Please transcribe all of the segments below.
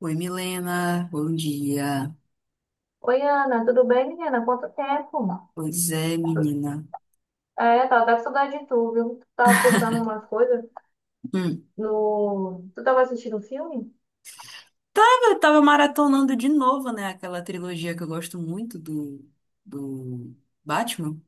Oi, Milena, bom dia. Oi, Ana, tudo bem, menina? Quanto tempo? Pois é, menina. É, tava até com saudade de tu, viu? Tu tava postando uma coisa Hum. no... Tu tava assistindo um filme? Tava, tava maratonando de novo, né? Aquela trilogia que eu gosto muito do Batman,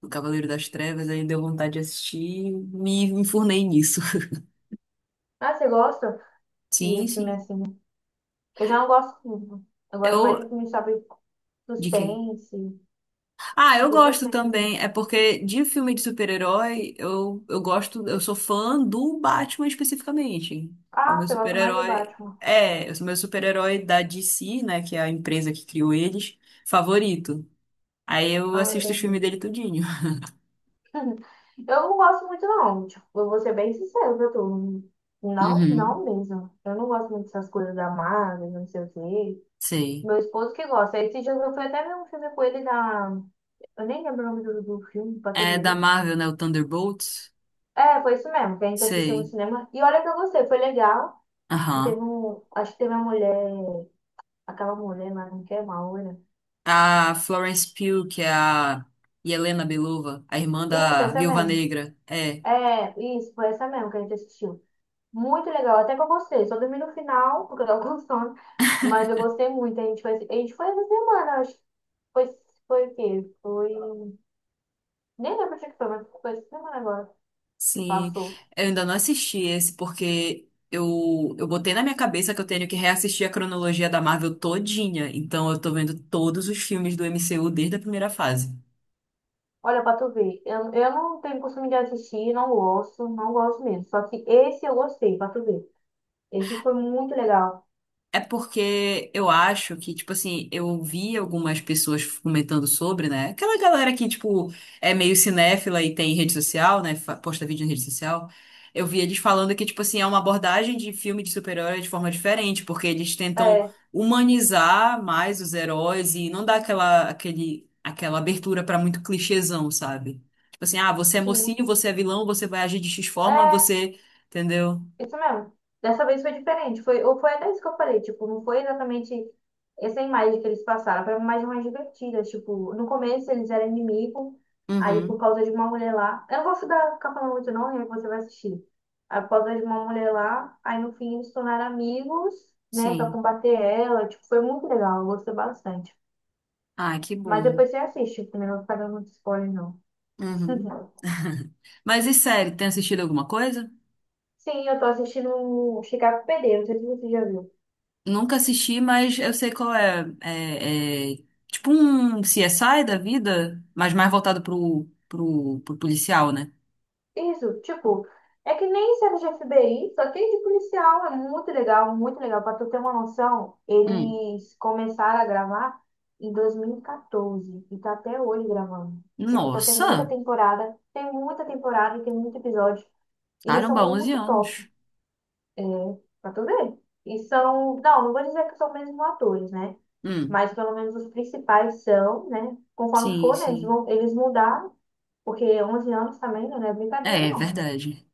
do Cavaleiro das Trevas, aí deu vontade de assistir e me enfurnei nisso. Ah, você gosta Sim, de filme sim. assim? Eu já não gosto muito. Eu gosto mais Eu. de filme, sabe, De quê? suspense, Ah, eu de gosto suspense, assim. também. É porque de filme de super-herói, eu gosto, eu sou fã do Batman especificamente. É o Ah, meu você gosta mais do super-herói. Batman. É, eu sou meu super-herói da DC, né? Que é a empresa que criou eles, favorito. Aí eu Ah, assisto os filmes entendi. dele tudinho. Eu não gosto muito, não. Tipo, eu vou ser bem sincero pra tu. Não, Uhum, não mesmo. Eu não gosto muito dessas coisas da Marvel, não sei o quê. sei. Meu esposo que gosta. Esse dia eu fui até ver um filme com ele da... Eu nem lembro o nome do filme pra tu É da ver. Marvel, né? O Thunderbolts. É, foi isso mesmo, que a gente assistiu no Sei. cinema. E olha que eu gostei, foi legal. E teve Aham. um. Acho que teve uma mulher. Aquela mulher, mas não quer uma loira. A Florence Pugh, que é a Yelena Belova, a irmã Isso, da essa Viúva mesmo. Negra. É. É, isso, foi essa mesmo que a gente assistiu. Muito legal, até que eu gostei. Só dormi no final, porque eu tava com sono. Mas eu gostei muito. A gente foi essa semana, acho que foi, foi o quê? Foi. Nem lembro o dia que foi, mas foi essa semana agora. Sim, Passou. eu ainda não assisti esse porque eu botei na minha cabeça que eu tenho que reassistir a cronologia da Marvel todinha. Então eu tô vendo todos os filmes do MCU desde a primeira fase. Olha, pra tu ver, eu não tenho costume de assistir, não gosto, não gosto mesmo. Só que esse eu gostei, pra tu ver. Esse foi muito legal. É porque eu acho que, tipo assim, eu ouvi algumas pessoas comentando sobre, né? Aquela galera que, tipo, é meio cinéfila e tem rede social, né? Posta vídeo em rede social. Eu vi eles falando que, tipo assim, é uma abordagem de filme de super-herói de forma diferente, porque eles tentam É, humanizar mais os heróis e não dar aquela abertura pra muito clichêzão, sabe? Tipo assim, ah, você é sim. mocinho, você é vilão, você vai agir de X forma, É, você. Entendeu? isso mesmo. Dessa vez foi diferente. Foi, ou foi até isso que eu falei, tipo, não foi exatamente essa imagem que eles passaram, foi uma imagem mais divertida. Tipo, no começo eles eram inimigos, aí por Uhum, causa de uma mulher lá. Eu não vou ficar, ficar falando muito não, aí você vai assistir. Aí, por causa de uma mulher lá, aí no fim eles se tornaram amigos, né, pra sim. combater ela. Tipo, foi muito legal, eu gostei bastante. Ah, que Mas bom. depois você assiste, também não vou ficar dando muito spoiler, não. Uhum. Mas e série, tem assistido alguma coisa? Sim, eu tô assistindo Chicago PD, não sei se você já viu. Nunca assisti, mas eu sei qual é. É, é tipo um CSI da vida, mas mais voltado pro policial, né? Isso, tipo, é que nem serve de FBI, só que é de policial, é muito legal, muito legal. Pra tu ter uma noção, Hum. eles começaram a gravar em 2014 e quatorze e tá até hoje gravando. Tipo, então Nossa! Tem muita temporada e tem muito episódio. E eles são Caramba, 11 muito top, anos. é, pra tu ver. E são, não, não vou dizer que são mesmo atores, né? Hum. Mas pelo menos os principais são, né? Conforme Sim, for, né? Eles sim. vão, eles mudaram, porque 11 anos também não é brincadeira, É, é não. verdade.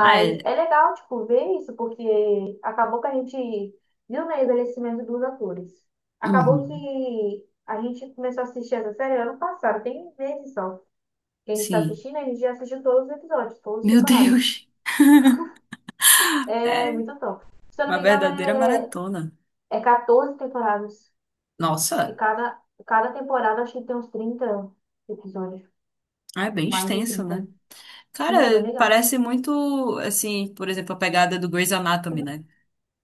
Ah, é. é legal, tipo, ver isso, porque acabou que a gente viu, né, o envelhecimento dos atores. Acabou Uhum. que a gente começou a assistir essa série ano passado, tem meses só. Que a gente tá Sim. assistindo, a gente já assistiu todos os episódios, todas as Meu temporadas. Deus! É É muito top. Se eu não uma me verdadeira engano, maratona. é, é 14 temporadas. E Nossa! cada temporada acho que tem uns 30 episódios, Ah, é bem mais de extenso, 30. né? Sim, é bem Cara, legal. parece muito, assim, por exemplo, a pegada do Grey's Anatomy, né?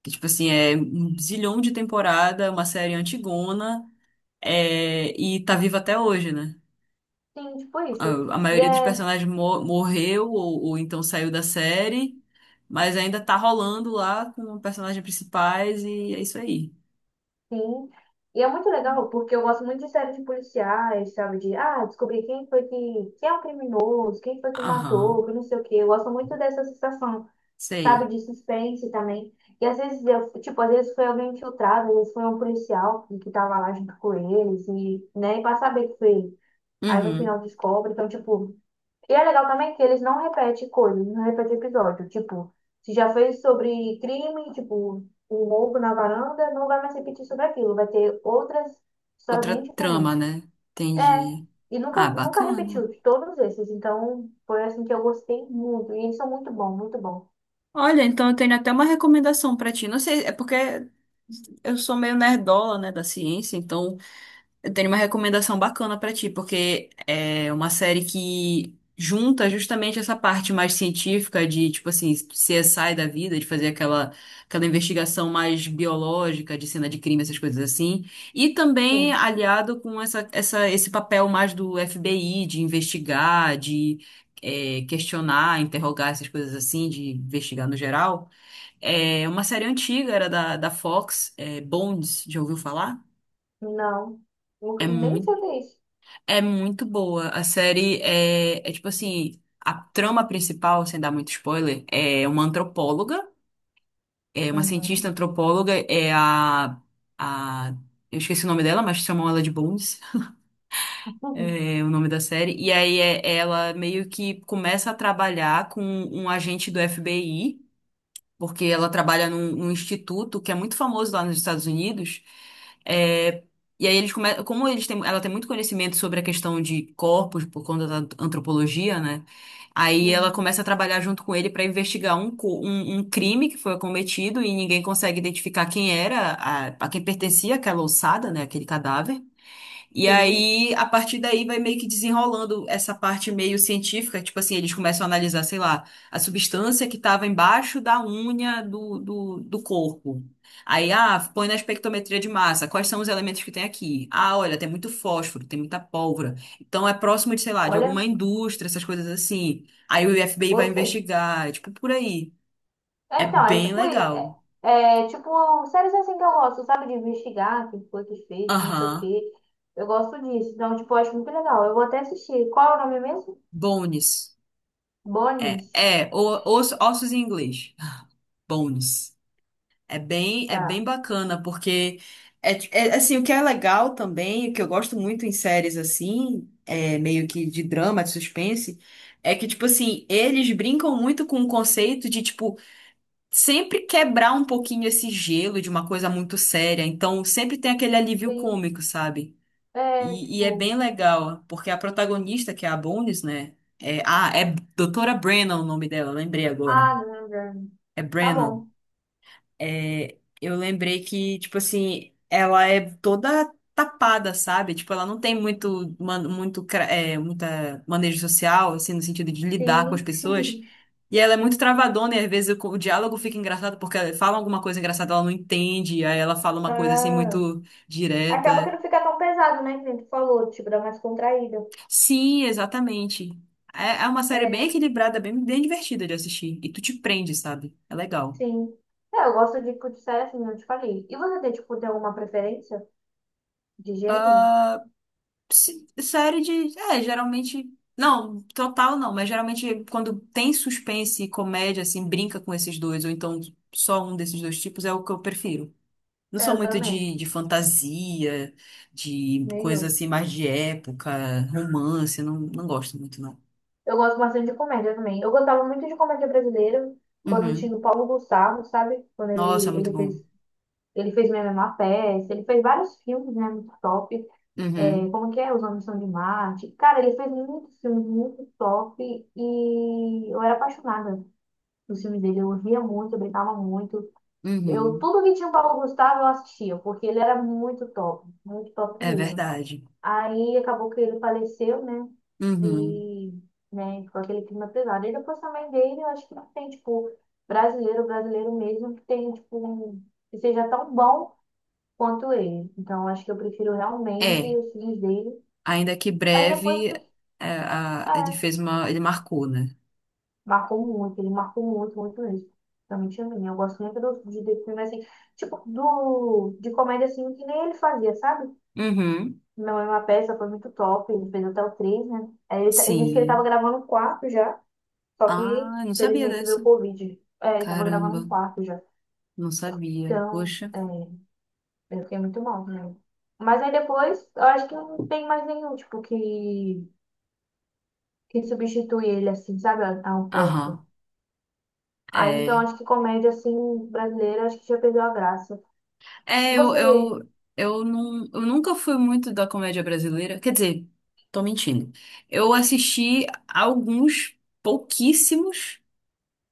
Que, tipo assim, é um zilhão de temporada, uma série antigona, é, e tá viva até hoje, né? Sim, tipo isso. A, a E maioria dos é. personagens morreu ou então saiu da série, mas ainda tá rolando lá com personagens principais e é isso aí. Sim. E é muito legal, porque eu gosto muito de séries de policiais, sabe? De, ah, descobrir quem foi que, quem é o criminoso, quem foi que matou, Aham, que não sei o quê. Eu gosto muito dessa sensação, sabe? sei. De suspense também. E às vezes, eu, tipo, às vezes foi alguém infiltrado, às vezes foi um policial que tava lá junto com eles, e, né? E pra saber que foi ele. Aí no final Uhum. descobre. Então, tipo, e é legal também que eles não repetem coisas, não repetem episódio. Tipo, se já fez sobre crime, tipo, o roubo na varanda, não vai mais repetir sobre aquilo. Vai ter outras histórias Outra bem trama, diferentes. né? É, Entendi. e Ah, nunca, nunca bacana. repetiu de todos esses. Então, foi assim que eu gostei muito. E eles são muito bons, muito bons. Olha, então eu tenho até uma recomendação pra ti. Não sei, é porque eu sou meio nerdola, né, da ciência, então eu tenho uma recomendação bacana pra ti, porque é uma série que junta justamente essa parte mais científica de, tipo assim, CSI da vida, de fazer aquela, aquela investigação mais biológica, de cena de crime, essas coisas assim, e também Sim. aliado com esse papel mais do FBI, de investigar, de é, questionar, interrogar, essas coisas assim, de investigar no geral. É uma série antiga, era da Fox, é, Bones, já ouviu falar? Não, É nem sei o que é isso. é muito boa. A série é, é tipo assim, a trama principal, sem dar muito spoiler, é uma antropóloga, é uma cientista Uhum. antropóloga, é a, eu esqueci o nome dela, mas chamam ela de Bones, é o nome da série. E aí é, ela meio que começa a trabalhar com um agente do FBI porque ela trabalha num instituto que é muito famoso lá nos Estados Unidos. É, e aí eles come... como eles têm... ela tem muito conhecimento sobre a questão de corpos por conta da antropologia, né? Aí ela começa a trabalhar junto com ele para investigar um, um crime que foi cometido e ninguém consegue identificar quem era, a quem pertencia aquela ossada, né? Aquele cadáver. E Sim, aí, a partir daí, vai meio que desenrolando essa parte meio científica. Tipo assim, eles começam a analisar, sei lá, a substância que estava embaixo da unha do corpo. Aí, ah, põe na espectrometria de massa. Quais são os elementos que tem aqui? Ah, olha, tem muito fósforo, tem muita pólvora. Então, é próximo de, sei lá, de olha, alguma indústria, essas coisas assim. Aí o FBI vai gostei. investigar, é tipo, por aí. É, É então, é bem tipo, é, legal. é tipo séries assim que eu gosto, sabe? De investigar o que foi que fez, não sei o Aham. quê. Eu gosto disso. Então, tipo, eu acho muito legal. Eu vou até assistir. Qual é o nome mesmo? Bones. É, Bonis. é, ossos em inglês. Bones. É bem Tá. bacana, porque é, é, assim, o que é legal também, o que eu gosto muito em séries assim, é, meio que de drama, de suspense, é que, tipo assim, eles brincam muito com o conceito de, tipo, sempre quebrar um pouquinho esse gelo de uma coisa muito séria. Então, sempre tem aquele alívio Sim. cômico, sabe? É, E é tipo. bem legal, porque a protagonista, que é a Bones, né? É, ah, é Doutora Brennan o nome dela, lembrei agora. Ah, não, não. É Tá Brennan. bom. É, eu lembrei que, tipo assim, ela é toda tapada, sabe? Tipo, ela não tem muito, muito, é, muita manejo social, assim, no sentido de lidar com as Sim. pessoas. E ela é muito travadona, e às vezes o diálogo fica engraçado, porque ela fala alguma coisa engraçada, ela não entende, aí ela fala uma coisa, assim, Ah, muito acaba que direta. não fica tão pesado, né? Que nem tu falou, tipo, dá mais contraída. Sim, exatamente. É, é uma série bem É, equilibrada, bem, bem divertida de assistir. E tu te prende, sabe? É legal. sim. É, eu gosto de, tipo, de série assim, eu te falei. E você tem, tipo, tem alguma preferência de gênero? Se- série de. É, geralmente. Não, total não, mas geralmente quando tem suspense e comédia, assim, brinca com esses dois, ou então só um desses dois tipos, é o que eu prefiro. Não É, sou eu muito também. De fantasia, de coisa Nenhum. assim mais de época, romance, não, não gosto muito, não. Eu gosto bastante de comédia também. Eu gostava muito de comédia brasileira quando Uhum. tinha o Paulo Gustavo, sabe? Quando Nossa, é ele, muito ele bom. fez, ele fez Minha Menor Peça, ele fez vários filmes, né? Muito top. É, Uhum. como que é? Os Homens São de Marte. Cara, ele fez muitos filmes muito top e eu era apaixonada dos filmes dele. Eu ria muito, eu brincava muito. Eu, Uhum. tudo que tinha o Paulo Gustavo eu assistia, porque ele era muito top É mesmo. verdade. Aí acabou que ele faleceu, né? Uhum. E, né, ficou aquele clima pesado. E depois também dele, eu acho que não tem, tipo, brasileiro, brasileiro mesmo, que tem, tipo, um- que seja tão bom quanto ele. Então, eu acho que eu prefiro realmente É, os filhos dele. ainda que Aí depois breve, que, é, é, ele fez uma, ele marcou, né? marcou muito, ele marcou muito, muito mesmo. Realmente a mim. Eu gosto muito do, de filme, assim, tipo, do, de, comédia, assim, que nem ele fazia, sabe? Uhum. Minha mãe é uma peça, foi muito top, ele fez até o 3 né? Aí ele disse que ele tava Sim. gravando o 4 já. Só que, Ah, não sabia felizmente, veio dessa. o Covid. É, ele tava gravando no Caramba, quarto já. não sabia. Então, Poxa. é, eu fiquei muito mal, né? Mas aí depois, eu acho que não tem mais nenhum, tipo, que substitui ele, assim, sabe, a um ponto. Aham, Aí, então, é. acho que comédia, assim, brasileira, acho que já perdeu a graça. É, Você... não, eu nunca fui muito da comédia brasileira. Quer dizer, tô mentindo. Eu assisti alguns pouquíssimos.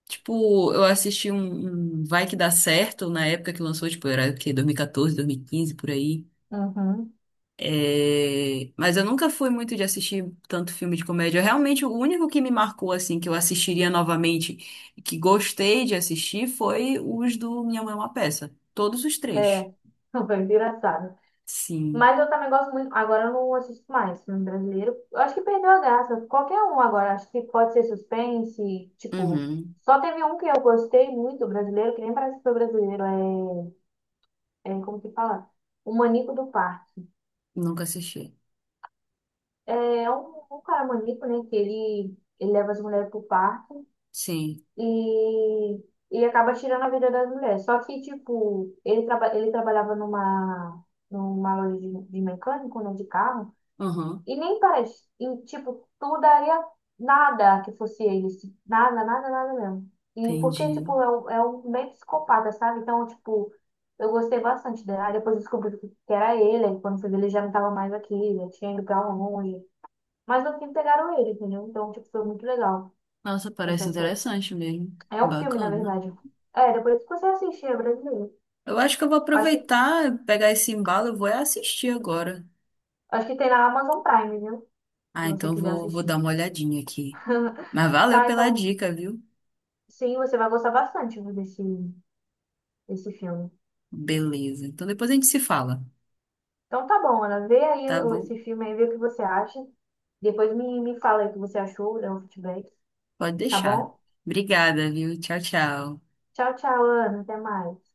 Tipo, eu assisti um Vai Que Dá Certo na época que lançou, tipo, era o quê? 2014, 2015, por aí. Uhum. É, mas eu nunca fui muito de assistir tanto filme de comédia. Realmente, o único que me marcou, assim, que eu assistiria novamente, e que gostei de assistir, foi os do Minha Mãe é uma Peça. Todos os É, três. foi engraçado. Sim. Mas eu também gosto muito. Agora eu não assisto mais filme brasileiro. Eu acho que perdeu a graça. Qualquer um agora. Acho que pode ser suspense. Tipo, Uhum. só teve um que eu gostei muito brasileiro, que nem parece que foi brasileiro. É, é como que fala? O Manico do Parque. Nunca assisti. É um, cara manico, né? Que ele leva as mulheres pro parque Sim. e, e acaba tirando a vida das mulheres. Só que, tipo, ele trabalhava numa loja de mecânico, né? De carro. Uhum. E nem parece. E, tipo, tu daria nada que fosse ele. Assim. Nada, nada, nada mesmo. E porque, Entendi. tipo, é um meio psicopata, sabe? Então, tipo, eu gostei bastante dela. Aí depois eu descobri que era ele. Aí quando foi ver, ele já não tava mais aqui, já tinha ido pra longe. Mas no fim pegaram ele, entendeu? Então, tipo, foi muito legal Nossa, parece essa série. interessante mesmo. É um filme, na Bacana. verdade. É, depois que você assistir, é brasileiro. Eu acho que eu vou Acho que, aproveitar, pegar esse embalo, eu vou é assistir agora. acho que tem na Amazon Prime, viu? Se Ah, você então eu quiser vou, vou dar assistir. uma olhadinha aqui. Mas valeu Tá, pela então, dica, viu? sim, você vai gostar bastante desse, esse filme. Beleza. Então depois a gente se fala, Então tá bom, Ana, vê aí tá o- bom? esse filme aí, vê o que você acha. Depois me fala aí o que você achou, dá um feedback, Pode tá deixar. bom? Obrigada, viu? Tchau, tchau. Tchau, tchau, Ana, até mais.